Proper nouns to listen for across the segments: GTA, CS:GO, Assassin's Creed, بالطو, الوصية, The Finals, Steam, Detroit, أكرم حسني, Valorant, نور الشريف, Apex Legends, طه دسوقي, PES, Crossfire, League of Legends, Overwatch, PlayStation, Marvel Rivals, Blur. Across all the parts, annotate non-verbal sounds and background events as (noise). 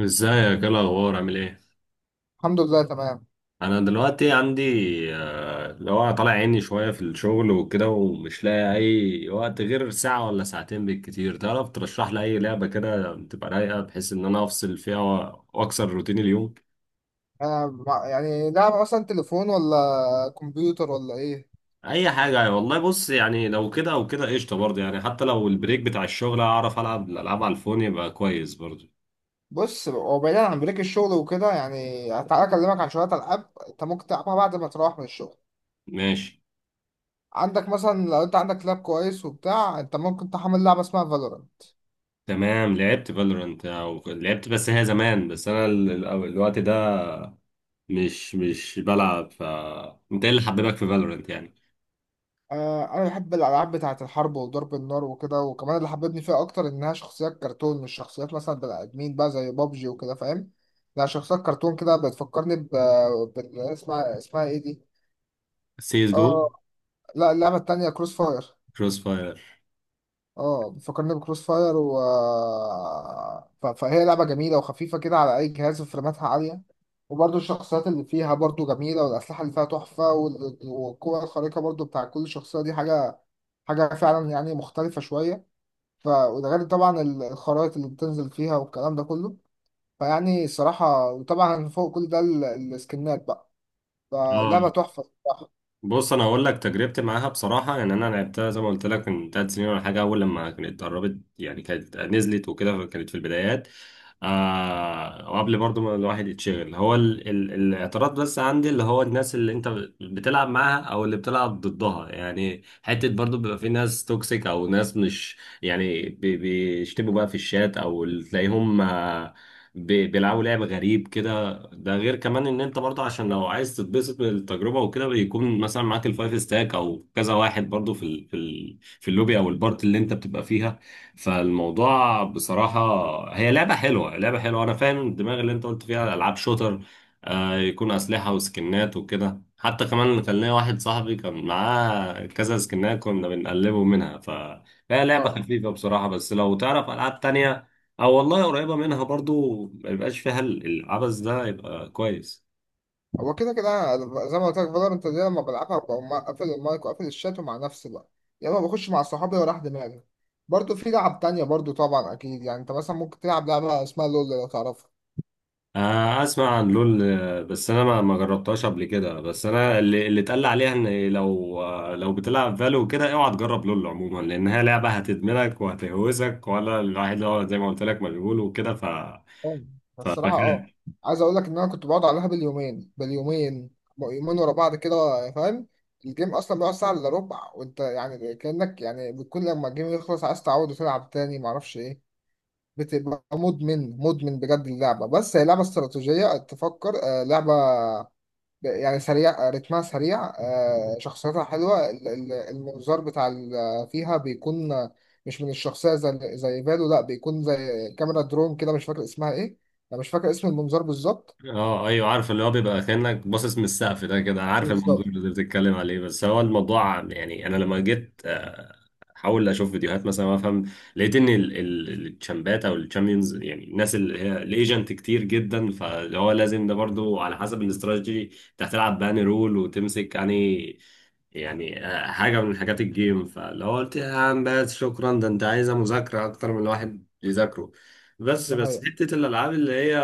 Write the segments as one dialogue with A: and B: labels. A: ازيك؟ ايه الاخبار؟ عامل ايه؟
B: الحمد لله تمام.
A: انا دلوقتي عندي، اللي هو طالع عيني شويه في الشغل وكده، ومش لاقي اي وقت غير ساعه ولا ساعتين بالكتير. تعرف ترشح لي اي لعبه كده تبقى رايقه بحيث ان انا افصل فيها واكسر روتين اليوم؟
B: يعني لعب مثلا تليفون ولا كمبيوتر ولا ايه؟
A: اي حاجه والله. بص يعني لو كده او كده قشطه برضه، يعني حتى لو البريك بتاع الشغل اعرف العب الالعاب على الفون يبقى كويس برضه.
B: بص، هو بعيدا عن بريك الشغل وكده، يعني تعالى اكلمك عن شويه العاب انت ممكن تلعبها بعد ما تروح من الشغل.
A: ماشي.
B: عندك مثلا، لو انت عندك لاب كويس وبتاع، انت ممكن تحمل لعبه اسمها فالورانت.
A: تمام، لعبت فالورانت او لعبت، بس هي زمان، بس انا الوقت ده مش بلعب. ف انت ايه اللي حببك في فالورنت يعني؟
B: آه، انا بحب الالعاب بتاعه الحرب وضرب النار وكده، وكمان اللي حببني فيها اكتر انها شخصيات كرتون، مش شخصيات مثلا بني ادمين بقى زي بابجي وكده، فاهم؟ لا، شخصيات كرتون كده بتفكرني ب... بال- اسمها اسمها ايه دي؟
A: سي اس جو.
B: آه، لا، اللعبة التانية كروس فاير.
A: كروس فاير.
B: اه، بتفكرني بكروس فاير. و ف- فهي لعبة جميلة وخفيفة كده على أي جهاز، وفريماتها عالية، وبرضه الشخصيات اللي فيها برضه جميلة، والأسلحة اللي فيها تحفة، وال- والقوة الخارقة برضه بتاع كل شخصية دي حاجة فعلا يعني مختلفة شوية. ف وده غير طبعا الخرائط اللي بتنزل فيها والكلام ده كله. فيعني الصراحة، وطبعا فوق كل ده السكنات بقى، فلعبة
A: اه.
B: تحفة الصراحة.
A: بص انا هقول لك تجربتي معاها بصراحه، يعني انا لعبتها زي ما قلت لك من ثلاث سنين ولا حاجه، اول لما كانت اتدربت، يعني كانت نزلت وكده، كانت في البدايات. آه، وقبل برضو ما الواحد يتشغل، هو ال ال الاعتراض بس عندي اللي هو الناس اللي انت بتلعب معاها او اللي بتلعب ضدها، يعني حته برضو بيبقى في ناس توكسيك او ناس مش يعني بيشتموا بقى في الشات، او اللي تلاقيهم، بيلعبوا لعب غريب كده. ده غير كمان ان انت برضه، عشان لو عايز تتبسط من التجربه وكده بيكون مثلا معاك الفايف ستاك او كذا واحد برضه في اللوبي او البارت اللي انت بتبقى فيها. فالموضوع بصراحه، هي لعبه حلوه. انا فاهم الدماغ اللي انت قلت فيها العاب شوتر، آه، يكون اسلحه وسكنات وكده. حتى كمان كان ليا واحد صاحبي كان معاه كذا سكنات كنا بنقلبه منها. ف هي لعبه
B: اه.
A: خفيفه بصراحه، بس لو تعرف العاب تانية او والله قريبه منها برضو ما يبقاش فيها العبث ده، يبقى كويس.
B: هو كده كده أنا زي ما قلت لك فالورنت دي لما بلعبها بقوم مقفل المايك وقافل الشات ومع نفسي بقى، يا اما بخش مع صحابي وراح دماغي. برضه في لعب تانية برضه طبعا اكيد، يعني انت مثلا ممكن تلعب لعبة اسمها لول، لو تعرفها.
A: آه، اسمع عن لول، آه، بس انا ما جربتهاش قبل كده. بس انا اللي اتقال لي عليها ان لو، آه، لو بتلعب فالو كده اوعى تجرب لول عموما، لانها لعبه هتدمنك وهتهوزك، ولا الواحد اللي هو زي ما قلت لك مشغول وكده. ف
B: اه. الصراحة اه،
A: فخير.
B: عايز اقول لك ان انا كنت بقعد عليها باليومين، يومين ورا بعض كده، فاهم؟ الجيم اصلا بيقعد ساعة الا ربع، وانت يعني كأنك يعني بتكون لما الجيم يخلص عايز تعود وتلعب تاني، معرفش ايه. بتبقى مدمن بجد اللعبة. بس هي لعبة استراتيجية تفكر، آه، لعبة يعني سريع، آه، رتمها سريع، آه، شخصيتها حلوة. المنظار بتاع فيها بيكون، آه، مش من الشخصية زي زي فالو، لا بيكون زي كاميرا درون كده، مش فاكر اسمها ايه. انا مش فاكر اسم المنظار بالظبط.
A: اه ايوه عارف، اللي هو بيبقى كانك باصص من السقف ده كده، عارف المنظور
B: بالظبط.
A: اللي بتتكلم عليه. بس هو الموضوع يعني انا لما جيت احاول اشوف فيديوهات مثلا وافهم، لقيت ان التشامبات او الشامبيونز، يعني الناس اللي هي الايجنت كتير جدا، فاللي هو لازم ده برضو على حسب الاستراتيجي انت هتلعب بان رول وتمسك، يعني يعني حاجة من حاجات الجيم. فلو قلت يا عم بس شكرا، ده انت عايزة مذاكرة أكتر من الواحد يذاكره. بس
B: ده
A: بس
B: حقيقة.
A: حتة الألعاب اللي هي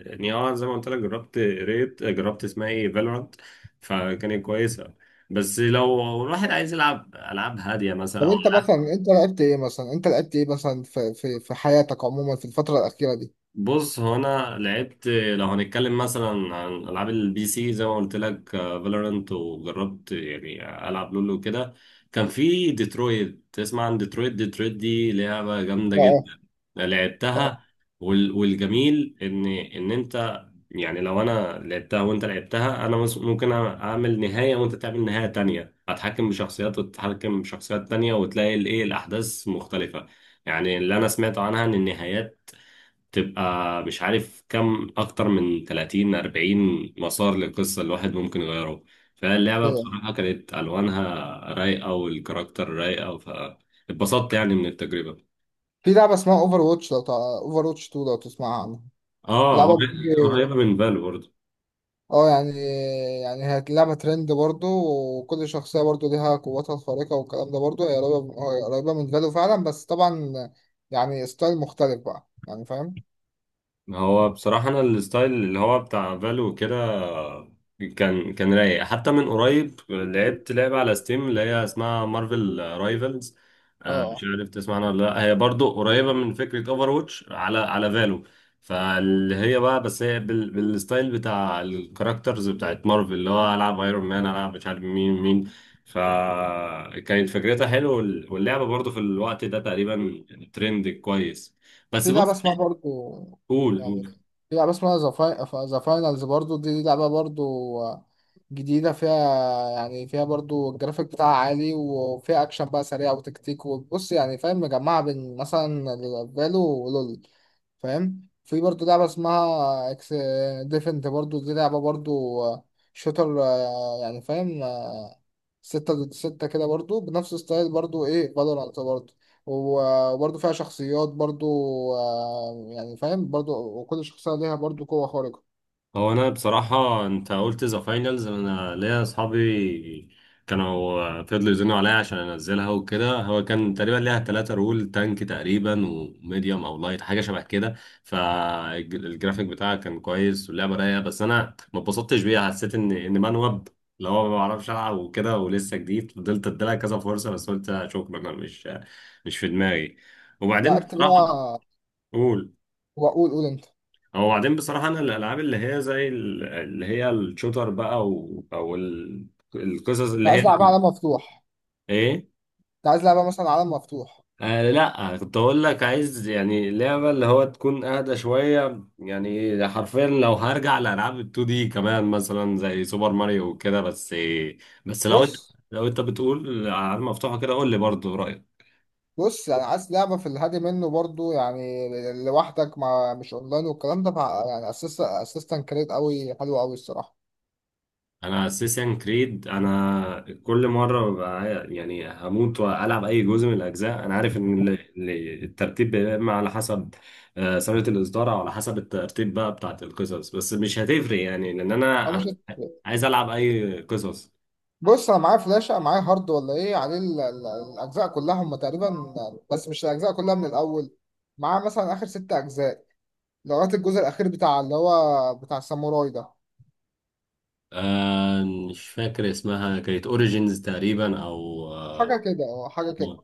A: يعني، اه، زي ما قلت لك جربت، ريت جربت اسمها ايه، فالورانت، فكانت كويسة. بس لو الواحد عايز يلعب ألعاب هادية مثلا
B: طب
A: أو.
B: انت مثلا انت لعبت ايه مثلا، انت لعبت ايه مثلا في حياتك عموما في الفترة الأخيرة دي؟
A: بص هو انا لعبت، لو هنتكلم مثلا عن العاب البي سي زي ما قلت لك فالورانت، وجربت يعني العب لولو وكده. كان في ديترويت، تسمع عن ديترويت؟ ديترويت دي لعبه جامده
B: اه. اه.
A: جدا،
B: آه،
A: لعبتها. والجميل ان انت يعني، لو انا لعبتها وانت لعبتها، انا ممكن اعمل نهايه وانت تعمل نهايه تانية، اتحكم بشخصيات وتتحكم بشخصيات تانية، وتلاقي الايه الاحداث مختلفه. يعني اللي انا سمعته عنها ان النهايات تبقى مش عارف كم، اكتر من 30 40 مسار للقصه، الواحد ممكن يغيره. فاللعبه
B: ايوه.
A: بصراحه كانت الوانها رايقه والكاركتر رايقه، فاتبسطت يعني من التجربه.
B: في لعبة اسمها اوفر واتش، لو اوفر واتش 2، لو تسمعها عنها؟
A: اه،
B: لعبة بيجي.
A: قريبه من فالو.
B: اه، يعني يعني هي لعبة ترند برضو، وكل شخصية برضو ليها قوتها الخارقة والكلام ده برضو. هي قريبة من فالو فعلا، بس طبعا يعني ستايل مختلف بقى، يعني فاهم؟
A: هو بصراحة أنا الستايل اللي هو بتاع فالو كده كان رايق. حتى من قريب لعبت لعبة على ستيم اللي هي اسمها مارفل رايفلز،
B: اه.
A: مش
B: آه.
A: عارف تسمع عنها ولا لأ، هي برضو قريبة من فكرة اوفر واتش، على فالو. فاللي هي بقى، بس هي بالستايل بتاع الكاركترز بتاعت مارفل، اللي هو ألعب ايرون مان، ألعب مش عارف مين. فكانت فكرتها حلوة، واللعبة برضو في الوقت ده تقريبا ترند كويس. بس
B: في لعبة
A: بص.
B: اسمها برضو،
A: قول
B: يعني
A: قول
B: في لعبة اسمها ذا فاينلز، برضو دي لعبة برضو جديدة، فيها يعني فيها برضو الجرافيك بتاعها عالي، وفيها أكشن بقى سريع وتكتيك، وبص يعني فاهم، مجمعة بين مثلا فالو ولول، فاهم؟ في برضه لعبة اسمها اكس ديفنت برضه، دي لعبة برضه شوتر، آه، يعني فاهم، آه، ستة ضد ستة كده برضه، بنفس ستايل برضه ايه فالورانت برضه، و- وبرضه فيها شخصيات برضه، آه، يعني فاهم برضه، وكل شخصية ليها برضه قوة خارقة.
A: هو انا بصراحه انت قلت ذا فاينلز، انا ليا اصحابي كانوا فضلوا يزنوا عليا عشان انزلها وكده. هو كان تقريبا ليها ثلاثة رول، تانك تقريبا وميديوم او لايت حاجه شبه كده. فالجرافيك بتاعها كان كويس واللعبه رايقه، بس انا ما اتبسطتش بيها. حسيت ان منوب اللي هو ما بعرفش العب وكده ولسه جديد. فضلت اديلها كذا فرصه، بس قلت شكرا انا مش في دماغي.
B: لا
A: وبعدين
B: اكتب
A: بصراحه.
B: بقى.
A: قول.
B: وقول انت.
A: هو بعدين بصراحة أنا الألعاب اللي هي زي اللي هي الشوتر بقى القصص
B: انت
A: اللي هي،
B: عايز لعبة عالم مفتوح؟
A: إيه؟
B: انت عايز لعبة مثلا عالم مفتوح؟
A: آه لا، كنت أقول لك عايز يعني لعبة اللي هو تكون أهدى شوية، يعني حرفيا لو هرجع لألعاب ال 2 دي كمان مثلا زي سوبر ماريو وكده. بس بس،
B: بص.
A: لو أنت بتقول ألعاب مفتوحة كده قول لي برضه.
B: بص يعني عايز لعبة في الهادي منه برضو، يعني لوحدك، مع مش اونلاين والكلام ده، يعني اسيست اسيستنت كريت قوي، حلو قوي الصراحة.
A: انا اساسا كريد، انا كل مره ببقى يعني هموت والعب اي جزء من الاجزاء. انا عارف ان الترتيب بيبقى إما على حسب، آه، سنه الاصدار او على حسب الترتيب بقى بتاعت القصص، بس مش هتفرق يعني لان
B: أو مش.
A: انا عايز العب اي قصص.
B: بص انا معايا فلاشة، أنا معايا هارد ولا ايه عليه الاجزاء كلها هم تقريبا، بس مش الاجزاء كلها من الاول، معاه مثلا اخر ست اجزاء لغاية الجزء الاخير بتاع اللي هو بتاع الساموراي ده.
A: آه، مش فاكر اسمها، كانت اوريجينز تقريبا او.
B: حاجة كده، اه، حاجة كده.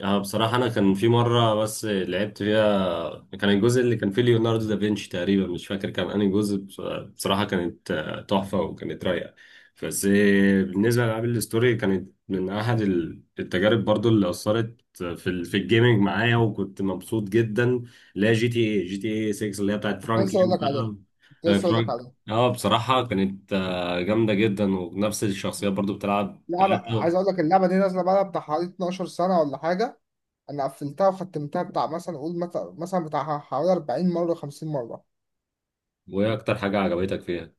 A: اه بصراحة أنا كان في مرة بس لعبت فيها، كان الجزء اللي كان فيه ليوناردو دافنشي تقريبا، مش فاكر كان أنهي جزء. بصراحة كانت تحفة وكانت رايقة. بس بالنسبة لألعاب الستوري، كانت من أحد التجارب برضو اللي أثرت في في الجيمنج معايا، وكنت مبسوط جدا. اللي هي جي تي اي 6 اللي هي بتاعت
B: كنت لسه اقول
A: فرانكلين
B: لك عليها.
A: بقى.
B: كنت
A: آه،
B: لسه اقول لك
A: فرانك.
B: عليها
A: اه بصراحة كانت جامدة جدا، ونفس الشخصيات برضو بتلعب
B: لعبة
A: ثلاثة.
B: عايز اقول لك، اللعبة دي نازلة بقى بتاع حوالي 12 سنة ولا حاجة، انا قفلتها وختمتها بتاع مثلا اقول مثلا بتاع حوالي 40 مره 50 مره.
A: وإيه أكتر حاجة عجبتك فيها؟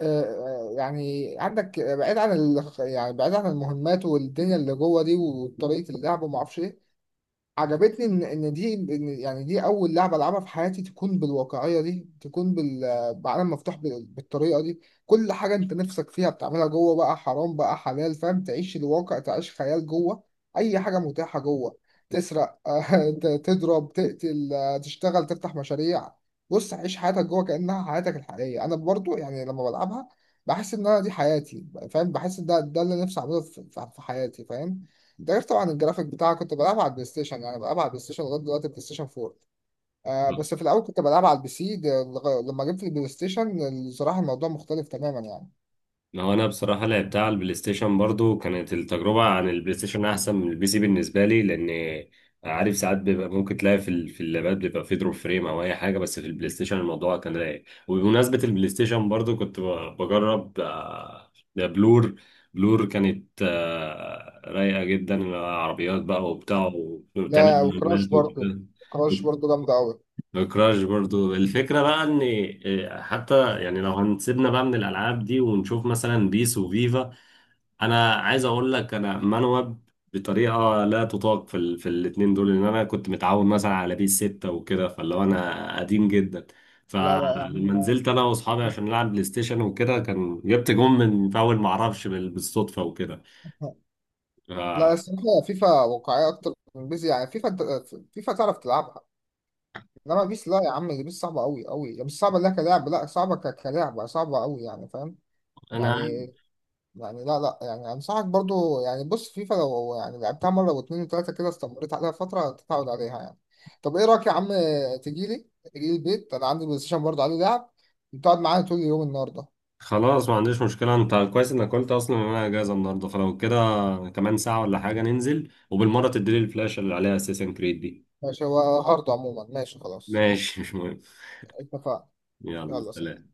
B: يعني عندك، بعيد عن يعني بعيد عن المهمات والدنيا اللي جوه دي وطريقه اللعب وما اعرفش ايه، عجبتني ان ان دي، إن يعني دي اول لعبه العبها في حياتي تكون بالواقعيه دي، تكون بعالم مفتوح، بالطريقه دي. كل حاجه انت نفسك فيها بتعملها جوه، بقى حرام بقى حلال، فاهم؟ تعيش الواقع، تعيش خيال جوه، اي حاجه متاحه جوه، تسرق (laughs) تضرب، تقتل، آه، تشتغل، تفتح مشاريع. بص، عيش حياتك جوه كانها حياتك الحقيقيه. انا برضو يعني لما بلعبها بحس ان انا دي حياتي، فاهم؟ بحس ان ده اللي نفسي اعمله في في حياتي، فاهم؟ انت عارف طبعا الجرافيك بتاعها، كنت بلعبها على البلاي ستيشن، يعني بلعبها على البلاي ستيشن لغايه دلوقتي بلاي ستيشن 4. آه، بس في الاول كنت بلعبها على البي سي ده، لما جبت البلاي ستيشن الصراحه الموضوع مختلف تماما يعني.
A: ما هو انا بصراحه لعبتها على البلاي ستيشن برضو، كانت التجربه عن البلاي ستيشن احسن من البي سي بالنسبه لي، لان عارف ساعات بيبقى ممكن تلاقي في اللابات بيبقى في دروب فريم او اي حاجه، بس في البلاي ستيشن الموضوع كان رايق. وبمناسبه البلاي ستيشن برضو كنت بجرب، آه، ده بلور. بلور كانت رايقه جدا، عربيات بقى وبتاع
B: آه.
A: وبتعمل
B: لا، وكراش
A: مهمات
B: برضو،
A: وكده.
B: كراش برضو جامده قوي.
A: بكراش برضو الفكرة بقى ان، إيه، حتى يعني لو هنسيبنا بقى من الالعاب دي ونشوف مثلا بيس وفيفا، انا عايز اقول لك انا منوب بطريقة لا تطاق في الاتنين دول. ان انا كنت متعود مثلا على بيس ستة وكده، فاللي هو انا قديم جدا.
B: لا
A: فلما
B: يعني.
A: نزلت انا واصحابي عشان نلعب بلاي ستيشن وكده، كان جبت جون من فاول معرفش بالصدفة وكده.
B: (laughs) لا
A: فانا
B: الصراحه فيفا واقعيه اكتر من بيس، يعني فيفا فيفا تعرف تلعبها، انما بيس لا يا عم، دي بيس صعبه قوي قوي، مش صعبه لا كلاعب، لا صعبه كلعبه صعبه قوي يعني، فاهم؟ يعني يعني لا لا يعني انصحك برضو يعني، بص فيفا لو يعني لعبتها مره واتنين وتلاته كده، استمريت عليها فتره تتعود عليها يعني. طب ايه رايك يا عم، تجيلي تجيلي البيت، انا عندي بلاي ستيشن برضو عليه لعب، تقعد معايا طول اليوم النهارده.
A: خلاص ما عنديش مشكلة. انت كويس انك قلت اصلا ان انا اجازة النهاردة، فلو كده كمان ساعة ولا حاجة ننزل، وبالمرة تديلي الفلاشة اللي عليها اساسن كريد دي.
B: ماشي، هو هارد عموما، ماشي خلاص.
A: ماشي مش مهم.
B: اتفقنا.
A: يلا
B: يلا سلام.
A: سلام.